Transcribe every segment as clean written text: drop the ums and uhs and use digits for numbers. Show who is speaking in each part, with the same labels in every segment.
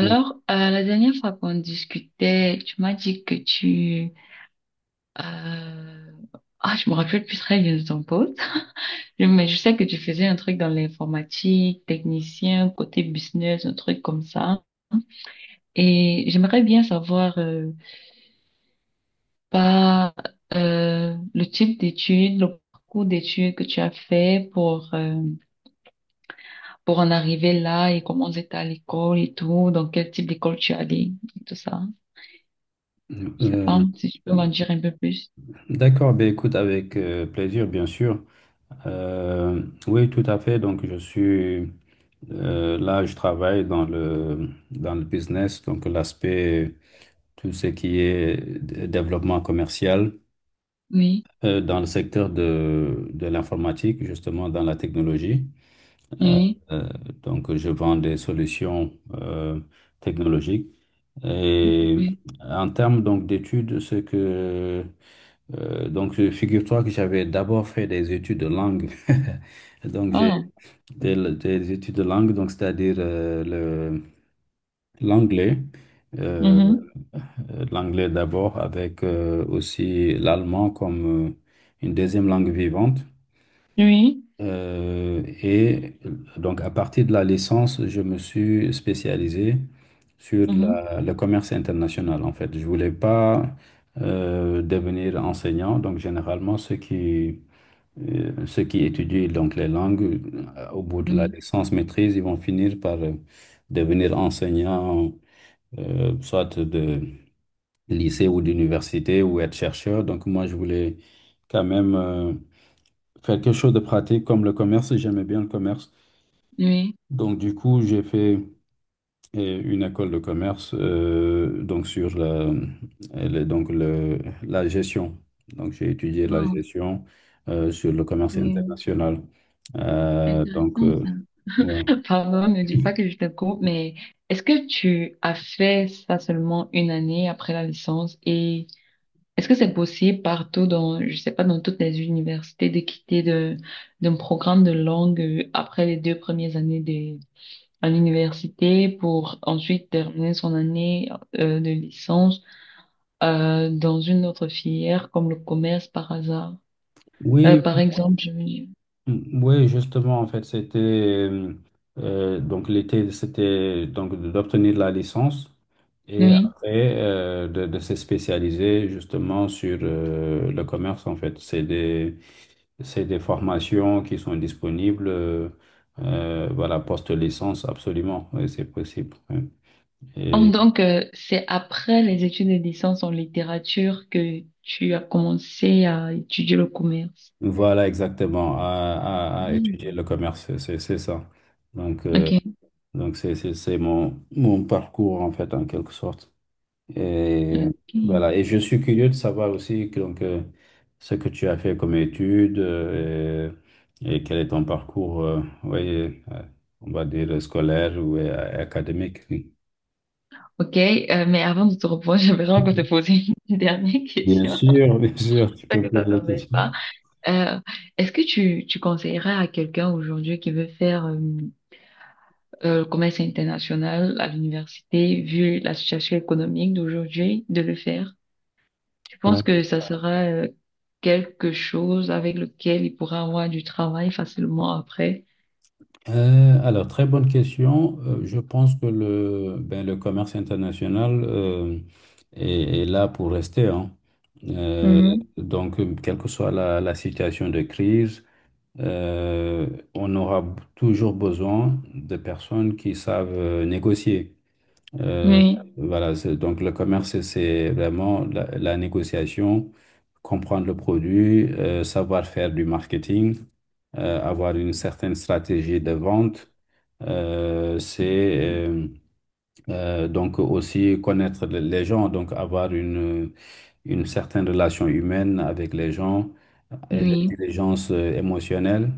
Speaker 1: Ouais.
Speaker 2: la dernière fois qu'on discutait, tu m'as dit que tu... euh, Ah, je me rappelle plus très bien de ton poste. Mais je sais que tu faisais un truc dans l'informatique, technicien, côté business, un truc comme ça. Et j'aimerais bien savoir, pas le type d'études, le parcours d'études que tu as fait pour en arriver là, et comment c'était à l'école et tout, dans quel type d'école tu es allé et tout ça.
Speaker 1: Ouais.
Speaker 2: Je sais pas
Speaker 1: Euh,
Speaker 2: si tu peux m'en dire un peu plus.
Speaker 1: d'accord, ben écoute, avec plaisir, bien sûr. Oui, tout à fait. Donc, je suis là, je travaille dans dans le business, donc l'aspect, tout ce qui est développement commercial
Speaker 2: Oui.
Speaker 1: dans le secteur de l'informatique, justement dans la technologie. Euh,
Speaker 2: Oui,
Speaker 1: euh, donc, je vends des solutions technologiques. Et
Speaker 2: oui.
Speaker 1: en termes donc d'études, ce que donc, figure-toi que j'avais d'abord fait des études de langue. Donc,
Speaker 2: Oh,
Speaker 1: des études de langue, donc c'est-à-dire l'anglais. Euh,
Speaker 2: mhm.
Speaker 1: l'anglais d'abord avec aussi l'allemand comme une deuxième langue vivante.
Speaker 2: Oui,
Speaker 1: Et donc, à partir de la licence, je me suis spécialisé sur
Speaker 2: mhm.
Speaker 1: le commerce international, en fait. Je voulais pas devenir enseignant. Donc, généralement, ceux qui étudient donc les langues, au bout de la
Speaker 2: Oui,
Speaker 1: licence maîtrise, ils vont finir par devenir enseignants, soit de lycée ou d'université ou être chercheur. Donc moi, je voulais quand même faire quelque chose de pratique comme le commerce. J'aimais bien le commerce.
Speaker 2: oui.
Speaker 1: Donc du coup, j'ai fait et une école de commerce donc sur la, elle est donc le, la gestion. Donc j'ai étudié la
Speaker 2: Oh,
Speaker 1: gestion sur le commerce
Speaker 2: c'est
Speaker 1: international.
Speaker 2: c'est
Speaker 1: Euh, donc
Speaker 2: intéressant
Speaker 1: euh, ouais.
Speaker 2: ça. Pardon, ne dis pas que je te coupe, mais est-ce que tu as fait ça seulement une année après la licence, et est-ce que c'est possible partout dans, je sais pas, dans toutes les universités de d'un programme de langue, après les deux premières années de, à l'université, pour ensuite terminer son année de licence? Dans une autre filière comme le commerce par hasard.
Speaker 1: Oui,
Speaker 2: Par exemple, je veux dire.
Speaker 1: oui, justement en fait c'était donc l'été c'était donc d'obtenir la licence. Et
Speaker 2: Oui.
Speaker 1: après, de se spécialiser justement sur le commerce, en fait. C'est des formations qui sont disponibles, voilà, post-licence, absolument, oui, c'est possible. Oui. Et
Speaker 2: Donc, c'est après les études de licence en littérature que tu as commencé à étudier le commerce.
Speaker 1: voilà, exactement, à étudier
Speaker 2: Hmm.
Speaker 1: le commerce, c'est ça. Donc, euh,
Speaker 2: Ok.
Speaker 1: donc c'est mon parcours, en fait, en quelque sorte. Et
Speaker 2: Ok,
Speaker 1: voilà, et je suis curieux de savoir aussi que, donc, ce que tu as fait comme études et quel est ton parcours, oui, on va dire scolaire ou académique. Oui.
Speaker 2: Ok, mais avant de te reprendre, j'aimerais encore te poser une dernière question.
Speaker 1: Bien sûr, tu peux
Speaker 2: J'espère
Speaker 1: me
Speaker 2: que ça
Speaker 1: poser la
Speaker 2: t'embête
Speaker 1: question.
Speaker 2: pas. Euh, Est-ce que tu conseillerais à quelqu'un aujourd'hui qui veut faire le commerce international à l'université, vu la situation économique d'aujourd'hui, de le faire. Je pense
Speaker 1: Ouais.
Speaker 2: que ça sera quelque chose avec lequel il pourra avoir du travail facilement après.
Speaker 1: Alors, très bonne question. Je pense que le, ben, le commerce international est, est là pour rester, hein. Euh,
Speaker 2: Mhm.
Speaker 1: donc, quelle que soit la situation de crise, euh, on aura toujours besoin de personnes qui savent négocier. Euh,
Speaker 2: Oui,
Speaker 1: voilà, c'est- donc le commerce, c'est vraiment la négociation, comprendre le produit, savoir faire du marketing, avoir une certaine stratégie de vente. C'est euh, donc aussi connaître les gens, donc avoir une certaine relation humaine avec les gens et
Speaker 2: oui,
Speaker 1: l'intelligence émotionnelle.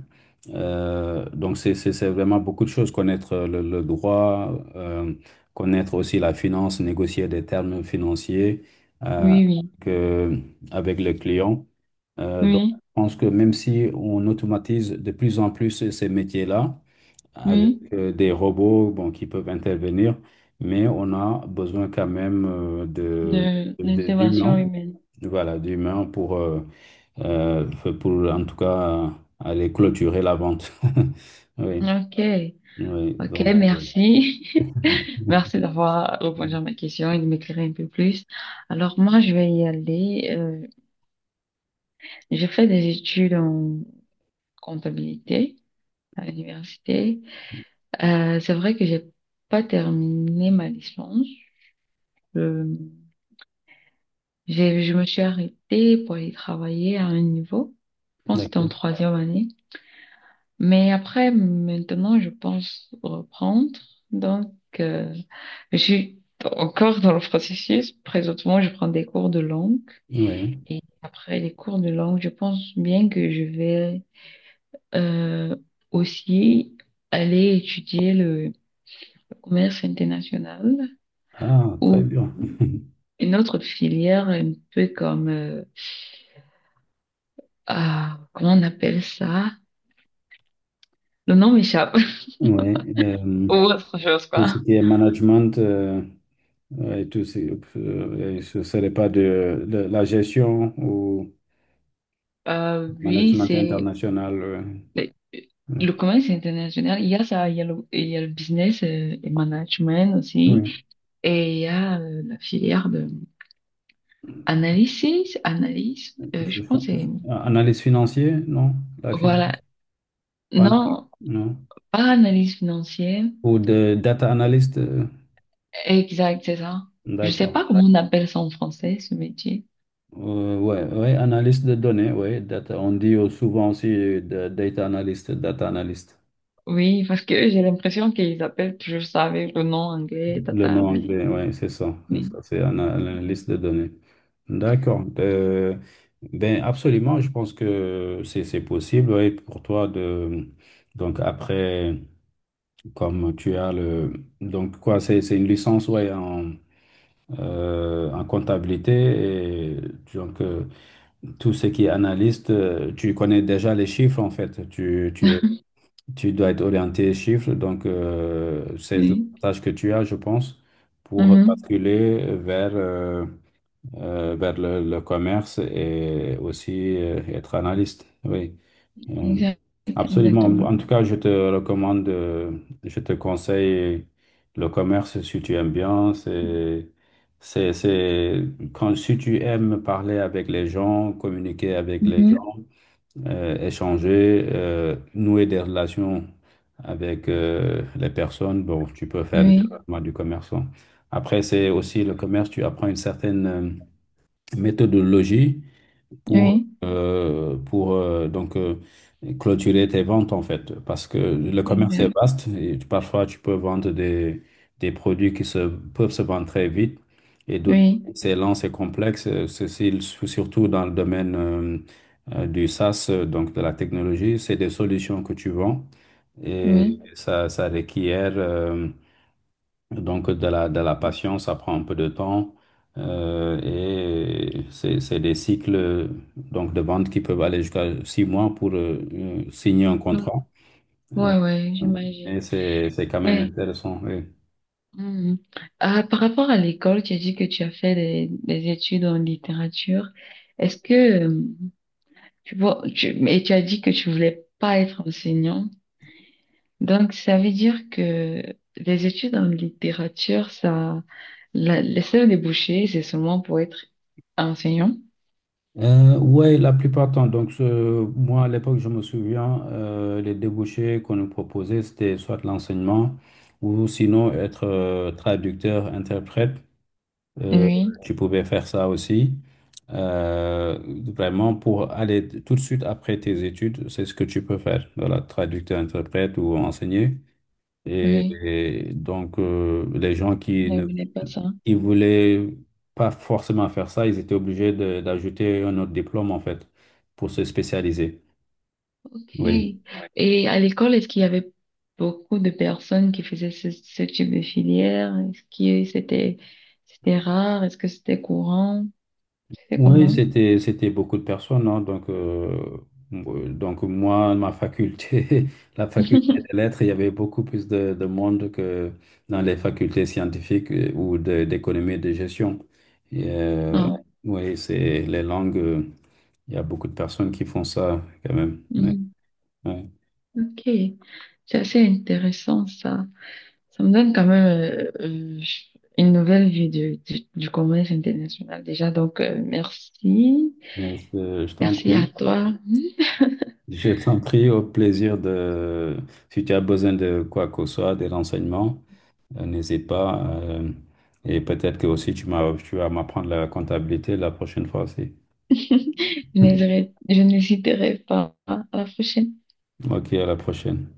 Speaker 1: Donc, c'est vraiment beaucoup de choses. Connaître le droit, connaître aussi la finance, négocier des termes financiers euh,
Speaker 2: oui, oui,
Speaker 1: que- avec le client. Donc,
Speaker 2: oui,
Speaker 1: je pense que même si on automatise de plus en plus ces métiers-là, avec
Speaker 2: oui,
Speaker 1: des robots bon, qui peuvent intervenir, mais on a besoin quand même
Speaker 2: de
Speaker 1: d'humains,
Speaker 2: l'intervention humaine.
Speaker 1: voilà, d'humains euh, pour en tout cas aller clôturer la vente. Oui,
Speaker 2: Ok,
Speaker 1: oui,
Speaker 2: ok,
Speaker 1: donc,
Speaker 2: merci. Merci d'avoir répondu à ma question et de m'éclairer un peu plus. Alors moi, je vais y aller. J'ai fait des études en comptabilité à l'université. C'est vrai que j'ai pas terminé ma licence. Je, je me suis arrêtée pour aller travailler à un niveau. Je pense que c'était en
Speaker 1: d'accord.
Speaker 2: troisième année. Mais après, maintenant, je pense reprendre. Donc, euh, je suis encore dans le processus. Présentement, je prends des cours de langue.
Speaker 1: Oui,
Speaker 2: Et après les cours de langue, je pense bien que je vais, euh, aussi, aller étudier le commerce international,
Speaker 1: ah, très
Speaker 2: ou
Speaker 1: bien.
Speaker 2: une autre filière un peu comme, ah, comment on appelle ça? Le nom m'échappe.
Speaker 1: Oui,
Speaker 2: Ou autre chose,
Speaker 1: tout
Speaker 2: quoi.
Speaker 1: ce qui est management et tout, ce et ce serait pas de, de la gestion ou
Speaker 2: Oui,
Speaker 1: management
Speaker 2: c'est
Speaker 1: international. Euh,
Speaker 2: le,
Speaker 1: euh,
Speaker 2: le commerce international. Il y a ça, il y a le, il y a le business et management aussi.
Speaker 1: oui.
Speaker 2: Et il y a la filière de analysis, analyse, je
Speaker 1: F-
Speaker 2: pense.
Speaker 1: Analyse financier, non? La finance,
Speaker 2: Voilà.
Speaker 1: pas-
Speaker 2: Non,
Speaker 1: non?
Speaker 2: pas analyse financière.
Speaker 1: Ou de data analyst,
Speaker 2: Exact, c'est ça. Je sais
Speaker 1: d'accord.
Speaker 2: pas comment on appelle ça en français, ce métier.
Speaker 1: Ouais, ouais, analyste de données, ouais, data. On dit souvent aussi data analyst, data analyst.
Speaker 2: Oui, parce que j'ai l'impression qu'ils appellent toujours ça avec le nom anglais,
Speaker 1: Le
Speaker 2: data
Speaker 1: nom
Speaker 2: analyst.
Speaker 1: anglais, ouais, c'est
Speaker 2: Mais,
Speaker 1: ça, c'est un analyste de données. D'accord. Ben absolument, je pense que c'est possible, ouais, pour toi de donc après comme tu as le donc quoi, c'est une licence ouais en en comptabilité et donc tout ce qui est analyste, tu connais déjà les chiffres en fait, tu es Tu dois être orienté chiffres, donc c'est
Speaker 2: oui.
Speaker 1: l'avantage que tu as, je pense, pour
Speaker 2: Mhm.
Speaker 1: basculer vers le commerce et aussi être analyste. Oui, euh,
Speaker 2: Exact,
Speaker 1: absolument.
Speaker 2: exactement.
Speaker 1: En tout cas, je te recommande, je te conseille le commerce si tu aimes bien. C'est, quand, si tu aimes parler avec les gens, communiquer avec les
Speaker 2: Mhm.
Speaker 1: gens échanger, nouer des relations avec les personnes. Bon, tu peux faire
Speaker 2: Oui,
Speaker 1: directement du commerçant. Après, c'est aussi le commerce, tu apprends une certaine méthodologie pour,
Speaker 2: oui,
Speaker 1: euh, pour euh, donc, euh, clôturer tes ventes, en fait. Parce que le commerce est
Speaker 2: exact.
Speaker 1: vaste et parfois tu peux vendre des produits qui se, peuvent se vendre très vite et d'autres,
Speaker 2: Oui,
Speaker 1: c'est lent, c'est complexe. Ceci, surtout dans le domaine du SaaS, donc de la technologie, c'est des solutions que tu vends
Speaker 2: oui.
Speaker 1: et ça requiert. Donc, de de la patience, ça prend un peu de temps c'est des cycles donc, de vente qui peuvent aller jusqu'à 6 mois pour signer un contrat. Euh,
Speaker 2: Ouais, ouais,
Speaker 1: mais
Speaker 2: j'imagine.
Speaker 1: c'est quand même
Speaker 2: Mais,
Speaker 1: intéressant. Oui.
Speaker 2: mhm. Ah, par rapport à l'école, tu as dit que tu as fait des études en littérature. Est-ce que, euh, tu vois, et tu as dit que tu voulais pas être enseignant. Donc, ça veut dire que les études en littérature, ça, la, les seuls débouchés, c'est seulement pour être enseignant.
Speaker 1: Ouais, la plupart du temps. Donc, ce- moi, à l'époque, je me souviens, les débouchés qu'on nous proposait, c'était soit l'enseignement ou sinon être traducteur, interprète. Euh,
Speaker 2: Oui,
Speaker 1: tu pouvais faire ça aussi. Euh, vraiment, pour aller tout de suite après tes études, c'est ce que tu peux faire. Voilà, traducteur, interprète ou enseigner. Et,
Speaker 2: oui,
Speaker 1: et donc, les gens qui
Speaker 2: je ne
Speaker 1: ne
Speaker 2: voulais pas ça.
Speaker 1: qui voulaient pas forcément faire ça, ils étaient obligés de- d'ajouter un autre diplôme, en fait, pour se spécialiser.
Speaker 2: Ok.
Speaker 1: Oui.
Speaker 2: Et à l'école, est-ce qu'il y avait beaucoup de personnes qui faisaient ce type de filière? Est-ce que c'était, c'était rare? Est-ce que c'était courant? C'était
Speaker 1: Oui,
Speaker 2: comment?
Speaker 1: c'était beaucoup de personnes, hein. Donc moi, ma faculté, la faculté des lettres, il y avait beaucoup plus de monde que dans les facultés scientifiques ou d'économie et de gestion. Et,
Speaker 2: Ah,
Speaker 1: oui, c'est les langues. Euh, il y a beaucoup de personnes qui font ça quand même. Ouais, ouais.
Speaker 2: mhm. Ok. C'est assez intéressant, ça. Ça me donne quand même une nouvelle vue du commerce international déjà. Donc, merci.
Speaker 1: Mais, euh, je t'en
Speaker 2: Merci à
Speaker 1: prie,
Speaker 2: toi.
Speaker 1: je t'en prie au plaisir de. Si tu as besoin de quoi que ce soit, des renseignements. N'hésite pas. Euh, et peut-être que aussi tu m'as, tu vas m'apprendre la comptabilité la prochaine fois aussi.
Speaker 2: Je n'hésiterai pas. À la prochaine.
Speaker 1: Ok, à la prochaine.